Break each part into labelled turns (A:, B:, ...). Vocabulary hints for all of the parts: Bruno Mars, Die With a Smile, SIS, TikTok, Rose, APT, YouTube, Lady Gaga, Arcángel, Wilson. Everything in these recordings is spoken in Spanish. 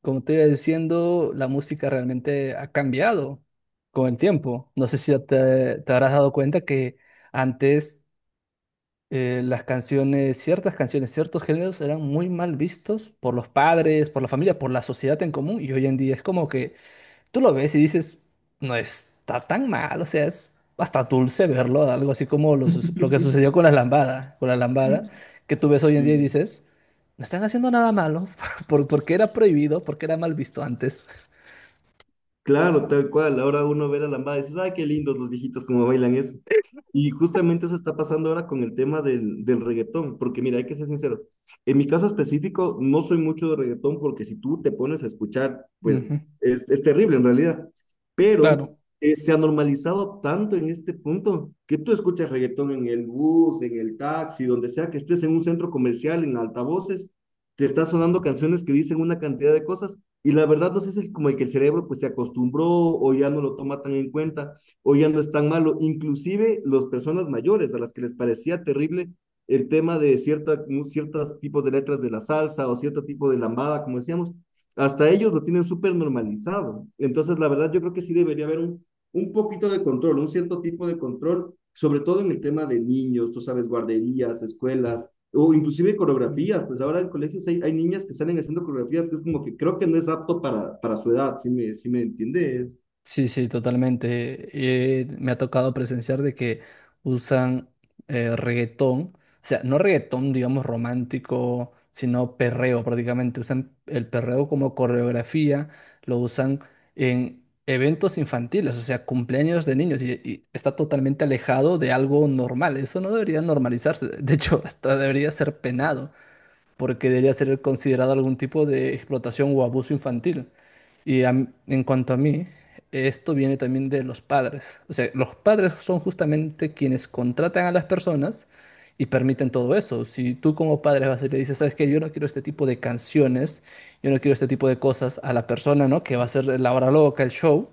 A: Como te iba diciendo, la música realmente ha cambiado con el tiempo. No sé si ya te habrás dado cuenta que antes las canciones, ciertas canciones, ciertos géneros eran muy mal vistos por los padres, por la familia, por la sociedad en común y hoy en día es como que tú lo ves y dices, no está tan mal, o sea, es hasta dulce verlo, algo así como lo que sucedió con la lambada, que tú ves hoy en día y
B: Sí,
A: dices, no están haciendo nada malo, porque era prohibido, porque era mal visto antes.
B: claro, tal cual. Ahora uno ve la lambada y dices, ay, qué lindos los viejitos cómo bailan eso. Y justamente eso está pasando ahora con el tema del reggaetón, porque mira, hay que ser sincero. En mi caso específico, no soy mucho de reggaetón porque si tú te pones a escuchar, pues
A: Ujú.
B: es terrible en realidad. Pero
A: Claro.
B: se ha normalizado tanto en este punto que tú escuchas reggaetón en el bus, en el taxi, donde sea que estés en un centro comercial, en altavoces, te está sonando canciones que dicen una cantidad de cosas y la verdad no sé si es como el que el cerebro pues se acostumbró o ya no lo toma tan en cuenta o ya no es tan malo, inclusive las personas mayores a las que les parecía terrible el tema de ciertos tipos de letras de la salsa o cierto tipo de lambada, como decíamos, hasta ellos lo tienen súper normalizado. Entonces, la verdad, yo creo que sí debería haber un poquito de control, un cierto tipo de control, sobre todo en el tema de niños, tú sabes, guarderías, escuelas, o inclusive coreografías, pues ahora en colegios hay niñas que salen haciendo coreografías que es como que creo que no es apto para su edad, si me entiendes.
A: Sí, sí, totalmente. Me ha tocado presenciar de que usan reggaetón, o sea, no reggaetón, digamos, romántico, sino perreo prácticamente. Usan el perreo como coreografía, lo usan en eventos infantiles, o sea, cumpleaños de niños, y está totalmente alejado de algo normal. Eso no debería normalizarse, de hecho, hasta debería ser penado porque debería ser considerado algún tipo de explotación o abuso infantil. Y en cuanto a mí, esto viene también de los padres. O sea, los padres son justamente quienes contratan a las personas y permiten todo eso. Si tú como padre vas y le dices: ¿sabes que yo no quiero este tipo de canciones, yo no quiero este tipo de cosas a la persona, ¿no? Que va a ser la hora loca, el show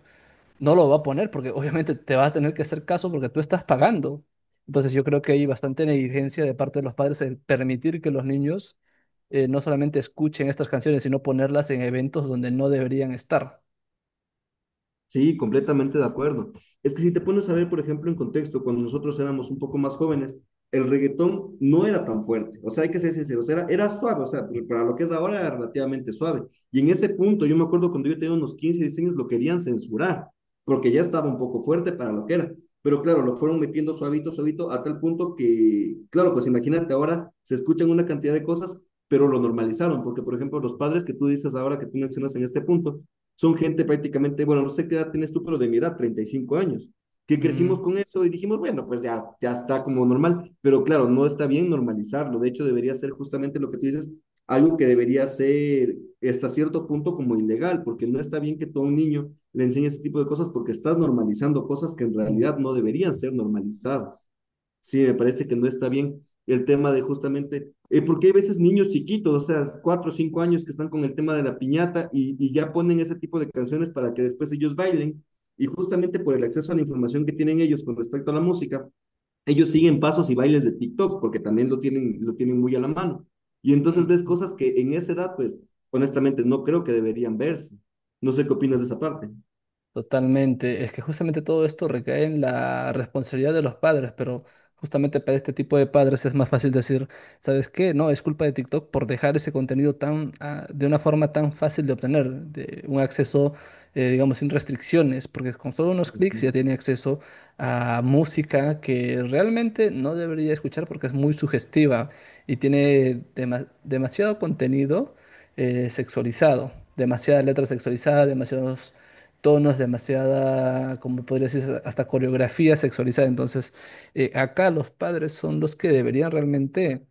A: no lo va a poner porque obviamente te vas a tener que hacer caso porque tú estás pagando. Entonces yo creo que hay bastante negligencia de parte de los padres en permitir que los niños no solamente escuchen estas canciones, sino ponerlas en eventos donde no deberían estar.
B: Sí, completamente de acuerdo. Es que si te pones a ver, por ejemplo, en contexto, cuando nosotros éramos un poco más jóvenes, el reggaetón no era tan fuerte. O sea, hay que ser sinceros, era suave, o sea, pero para lo que es ahora era relativamente suave. Y en ese punto, yo me acuerdo cuando yo tenía unos 15 16 años, lo querían censurar, porque ya estaba un poco fuerte para lo que era. Pero claro, lo fueron metiendo suavito, suavito, a tal punto que, claro, pues imagínate, ahora se escuchan una cantidad de cosas, pero lo normalizaron, porque por ejemplo, los padres que tú dices ahora, que tú mencionas en este punto, son gente prácticamente, bueno, no sé qué edad tienes tú, pero de mi edad, 35 años, que
A: Mm.
B: crecimos con eso y dijimos, bueno, pues ya, ya está como normal, pero claro, no está bien normalizarlo, de hecho debería ser justamente lo que tú dices, algo que debería ser hasta cierto punto como ilegal, porque no está bien que tú a un niño le enseñes ese tipo de cosas porque estás normalizando cosas que en
A: Mm.
B: realidad no deberían ser normalizadas. Sí, me parece que no está bien el tema de justamente, porque hay veces niños chiquitos, o sea, 4 o 5 años que están con el tema de la piñata y ya ponen ese tipo de canciones para que después ellos bailen. Y justamente por el acceso a la información que tienen ellos con respecto a la música, ellos siguen pasos y bailes de TikTok, porque también lo tienen muy a la mano. Y entonces ves
A: Mm.
B: cosas que en esa edad, pues, honestamente, no creo que deberían verse. No sé qué opinas de esa parte.
A: Totalmente. Es que justamente todo esto recae en la responsabilidad de los padres, pero justamente para este tipo de padres es más fácil decir: ¿sabes qué? No, es culpa de TikTok por dejar ese contenido tan, ah, de una forma tan fácil de obtener, de un acceso, digamos, sin restricciones, porque con solo unos clics ya tiene acceso a música que realmente no debería escuchar porque es muy sugestiva y tiene demasiado contenido sexualizado, demasiada letra sexualizada, demasiados tonos, demasiada, como podría decir, hasta coreografía sexualizada. Entonces, acá los padres son los que deberían realmente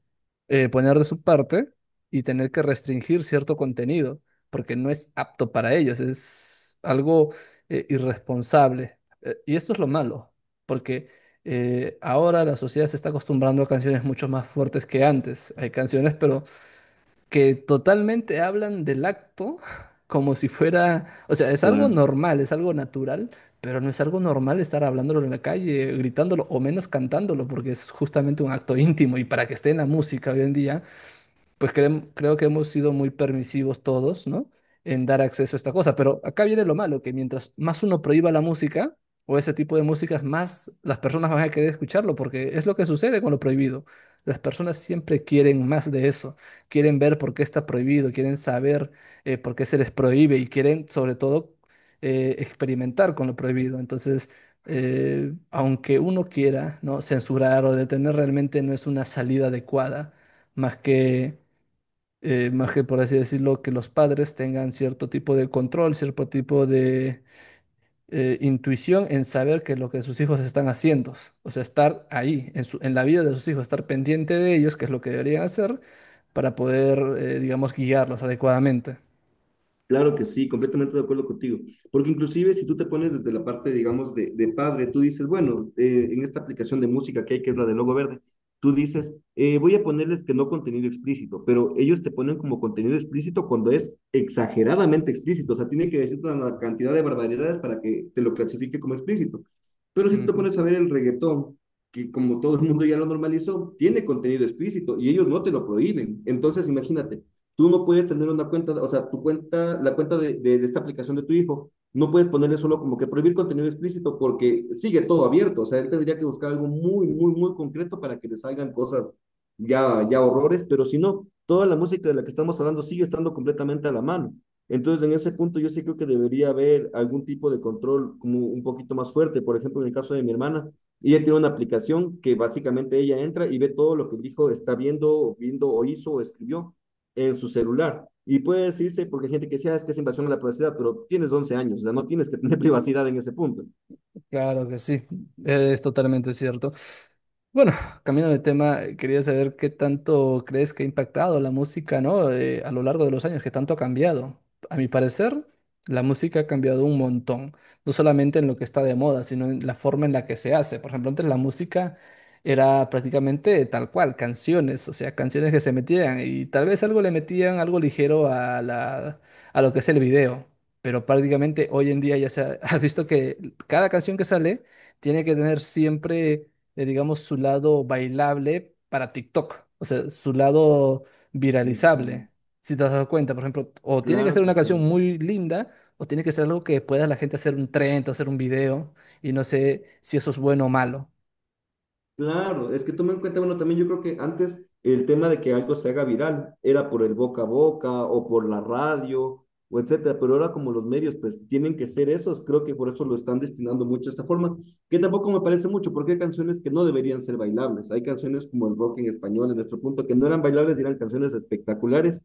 A: poner de su parte y tener que restringir cierto contenido, porque no es apto para ellos, es algo irresponsable. Y esto es lo malo, porque ahora la sociedad se está acostumbrando a canciones mucho más fuertes que antes. Hay canciones, pero que totalmente hablan del acto como si fuera, o sea, es algo
B: Claro.
A: normal, es algo natural, pero no es algo normal estar hablándolo en la calle, gritándolo o menos cantándolo, porque es justamente un acto íntimo y para que esté en la música hoy en día pues creo que hemos sido muy permisivos todos, ¿no? En dar acceso a esta cosa. Pero acá viene lo malo, que mientras más uno prohíba la música o ese tipo de músicas, más las personas van a querer escucharlo, porque es lo que sucede con lo prohibido. Las personas siempre quieren más de eso, quieren ver por qué está prohibido, quieren saber por qué se les prohíbe y quieren sobre todo experimentar con lo prohibido. Entonces, aunque uno quiera, ¿no? Censurar o detener realmente no es una salida adecuada más que más que por así decirlo, que los padres tengan cierto tipo de control, cierto tipo de intuición en saber que lo que sus hijos están haciendo, o sea, estar ahí, en la vida de sus hijos, estar pendiente de ellos, que es lo que deberían hacer para poder, digamos, guiarlos adecuadamente.
B: Claro que sí, completamente de acuerdo contigo. Porque inclusive si tú te pones desde la parte, digamos, de padre, tú dices, bueno, en esta aplicación de música que hay, que es la de Logo Verde, tú dices, voy a ponerles que no contenido explícito, pero ellos te ponen como contenido explícito cuando es exageradamente explícito, o sea, tienen que decirte una cantidad de barbaridades para que te lo clasifique como explícito. Pero si tú te
A: Ujú.
B: pones a ver el reggaetón, que como todo el mundo ya lo normalizó, tiene contenido explícito y ellos no te lo prohíben. Entonces, imagínate Tú no puedes tener una cuenta, o sea, tu cuenta, la cuenta de esta aplicación de tu hijo, no puedes ponerle solo como que prohibir contenido explícito porque sigue todo abierto. O sea, él tendría que buscar algo muy, muy, muy concreto para que le salgan cosas ya, ya horrores, pero si no, toda la música de la que estamos hablando sigue estando completamente a la mano. Entonces, en ese punto, yo sí creo que debería haber algún tipo de control como un poquito más fuerte. Por ejemplo, en el caso de mi hermana, ella tiene una aplicación que básicamente ella entra y ve todo lo que el hijo está viendo o hizo o escribió en su celular. Y puede decirse, porque hay gente que decía, ah, es que es invasión a la privacidad, pero tienes 11 años, o sea, no tienes que tener privacidad en ese punto.
A: Claro que sí, es totalmente cierto. Bueno, cambiando de tema, quería saber qué tanto crees que ha impactado la música, ¿no? A lo largo de los años, qué tanto ha cambiado. A mi parecer, la música ha cambiado un montón, no solamente en lo que está de moda, sino en la forma en la que se hace. Por ejemplo, antes la música era prácticamente tal cual, canciones, o sea, canciones que se metían y tal vez algo le metían, algo ligero a la, a lo que es el video. Pero prácticamente hoy en día ya se ha, has visto que cada canción que sale tiene que tener siempre, digamos, su lado bailable para TikTok, o sea, su lado
B: Ujú,
A: viralizable. Si te has dado cuenta, por ejemplo, o tiene que
B: claro
A: ser
B: que
A: una canción
B: sí.
A: muy linda, o tiene que ser algo que pueda la gente hacer un trend, hacer un video, y no sé si eso es bueno o malo.
B: Claro, es que toma en cuenta, bueno, también yo creo que antes el tema de que algo se haga viral era por el boca a boca o por la radio o etcétera, pero ahora como los medios pues tienen que ser esos, creo que por eso lo están destinando mucho a esta forma, que tampoco me parece mucho, porque hay canciones que no deberían ser bailables, hay canciones como el rock en español en nuestro punto que no eran bailables y eran canciones espectaculares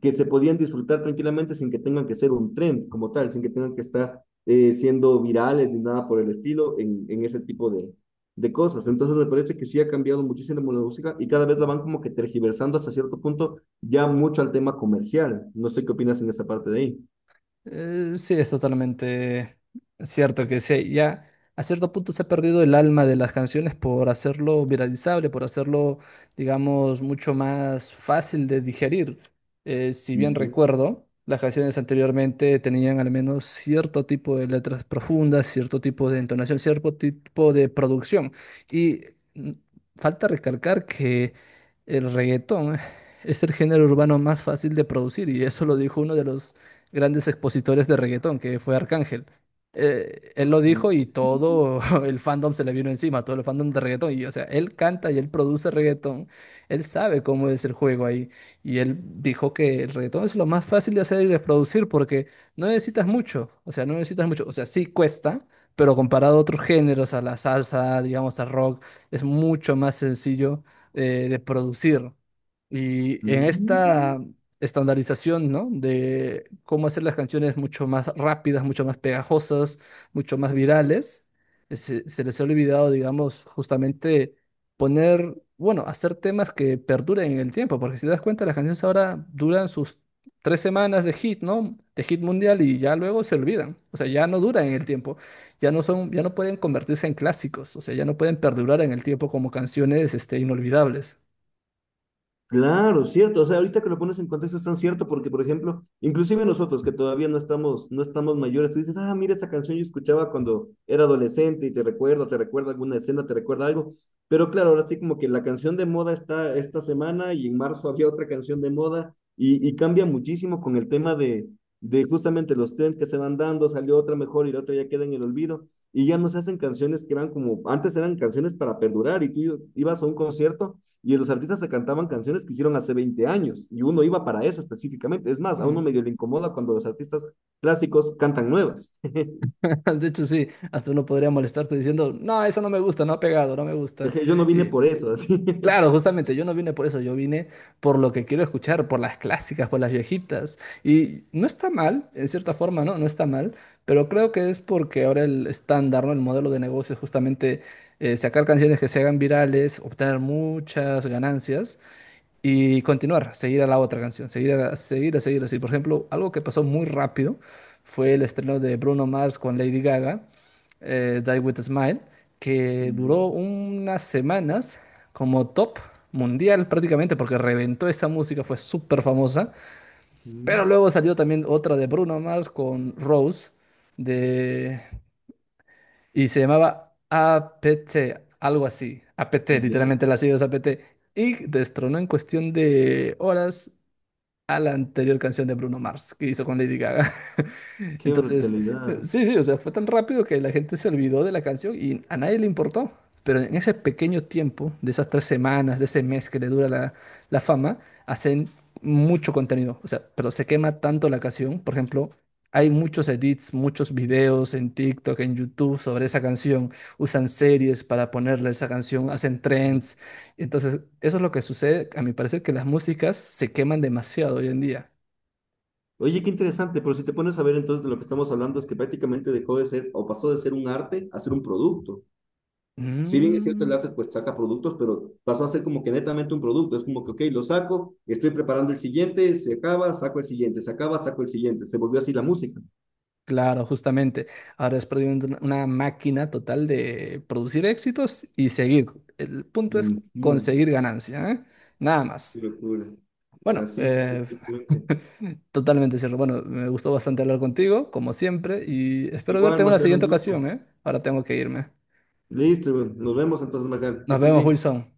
B: que se podían disfrutar tranquilamente sin que tengan que ser un trend como tal, sin que tengan que estar siendo virales ni nada por el estilo en ese tipo de cosas. Entonces me parece que sí ha cambiado muchísimo la música y cada vez la van como que tergiversando hasta cierto punto ya mucho al tema comercial. No sé qué opinas en esa parte de ahí.
A: Sí, es totalmente cierto que sí, ya a cierto punto se ha perdido el alma de las canciones por hacerlo viralizable, por hacerlo, digamos, mucho más fácil de digerir. Si bien
B: Ujú,
A: recuerdo, las canciones anteriormente tenían al menos cierto tipo de letras profundas, cierto tipo de entonación, cierto tipo de producción. Y mm, falta recalcar que el reggaetón es el género urbano más fácil de producir, y eso lo dijo uno de los grandes expositores de reggaetón, que fue Arcángel. Él lo
B: ujú,
A: dijo y todo el fandom se le vino encima, todo el fandom de reggaetón. Y, o sea, él canta y él produce reggaetón, él sabe cómo es el juego ahí. Y él dijo que el reggaetón es lo más fácil de hacer y de producir porque no necesitas mucho, o sea, no necesitas mucho, o sea, sí cuesta, pero comparado a otros géneros, a la salsa, digamos, al rock, es mucho más sencillo de producir. Y en esta
B: ujú.
A: estandarización, ¿no? De cómo hacer las canciones mucho más rápidas, mucho más pegajosas, mucho más virales. Se les ha olvidado, digamos, justamente poner, bueno, hacer temas que perduren en el tiempo, porque si te das cuenta, las canciones ahora duran sus tres semanas de hit, ¿no? De hit mundial y ya luego se olvidan. O sea, ya no duran en el tiempo, ya no son, ya no pueden convertirse en clásicos, o sea, ya no pueden perdurar en el tiempo como canciones, este, inolvidables.
B: Claro, cierto. O sea, ahorita que lo pones en contexto es tan cierto porque, por ejemplo, inclusive nosotros que todavía no estamos mayores, tú dices, ah, mira, esa canción yo escuchaba cuando era adolescente y te recuerda alguna escena, te recuerda algo. Pero claro, ahora sí como que la canción de moda está esta semana y en marzo había otra canción de moda y cambia muchísimo con el tema de justamente los trends que se van dando, salió otra mejor y la otra ya queda en el olvido y ya no se hacen canciones que eran como, antes eran canciones para perdurar y tú ibas a un concierto y los artistas se cantaban canciones que hicieron hace 20 años y uno iba para eso específicamente. Es más, a uno
A: Mm.
B: medio le incomoda cuando los artistas clásicos cantan nuevas.
A: De hecho, sí, hasta uno podría molestarte diciendo, no, eso no me gusta, no ha pegado, no me gusta.
B: Yo no vine
A: Y
B: por eso, así.
A: claro, justamente yo no vine por eso, yo vine por lo que quiero escuchar, por las clásicas, por las viejitas. Y no está mal, en cierta forma, ¿no? No está mal, pero creo que es porque ahora el estándar, ¿no? El modelo de negocio es justamente sacar canciones que se hagan virales, obtener muchas ganancias y continuar, seguir a la otra canción, seguir, a, seguir, a seguir así. Por ejemplo, algo que pasó muy rápido fue el estreno de Bruno Mars con Lady Gaga, Die With a Smile, que
B: Ya,
A: duró unas semanas como top mundial prácticamente porque reventó esa música, fue súper famosa. Pero
B: mm,
A: luego salió también otra de Bruno Mars con Rose de... y se llamaba APT, algo así. APT,
B: ya,
A: literalmente las siglas APT. Y destronó en cuestión de horas a la anterior canción de Bruno Mars que hizo con Lady Gaga.
B: qué
A: Entonces,
B: brutalidad.
A: sí, sí, o sea, fue tan rápido que la gente se olvidó de la canción y a nadie le importó. Pero en ese pequeño tiempo, de esas tres semanas, de ese mes que le dura la, la fama, hacen mucho contenido. O sea, pero se quema tanto la canción. Por ejemplo, hay muchos edits, muchos videos en TikTok, en YouTube sobre esa canción. Usan series para ponerle esa canción, hacen trends. Entonces, eso es lo que sucede, a mi parecer, que las músicas se queman demasiado hoy en día.
B: Oye, qué interesante, pero si te pones a ver entonces de lo que estamos hablando es que prácticamente dejó de ser o pasó de ser un arte a ser un producto. Si bien es cierto, el
A: Mm,
B: arte pues saca productos, pero pasó a ser como que netamente un producto. Es como que, ok, lo saco, estoy preparando el siguiente, se acaba, saco el siguiente, se acaba, saco el siguiente. Se volvió así la música.
A: claro, justamente. Ahora es prácticamente una máquina total de producir éxitos y seguir. El punto es
B: Ujú.
A: conseguir ganancia, ¿eh? Nada
B: Qué
A: más.
B: locura.
A: Bueno,
B: Así es, exactamente.
A: totalmente cierto. Bueno, me gustó bastante hablar contigo, como siempre, y espero verte
B: Igual,
A: en una
B: Marcelo, un
A: siguiente
B: gusto.
A: ocasión, ¿eh? Ahora tengo que irme.
B: Listo, nos vemos entonces, Marcelo. Que
A: Nos
B: estés
A: vemos,
B: bien.
A: Wilson.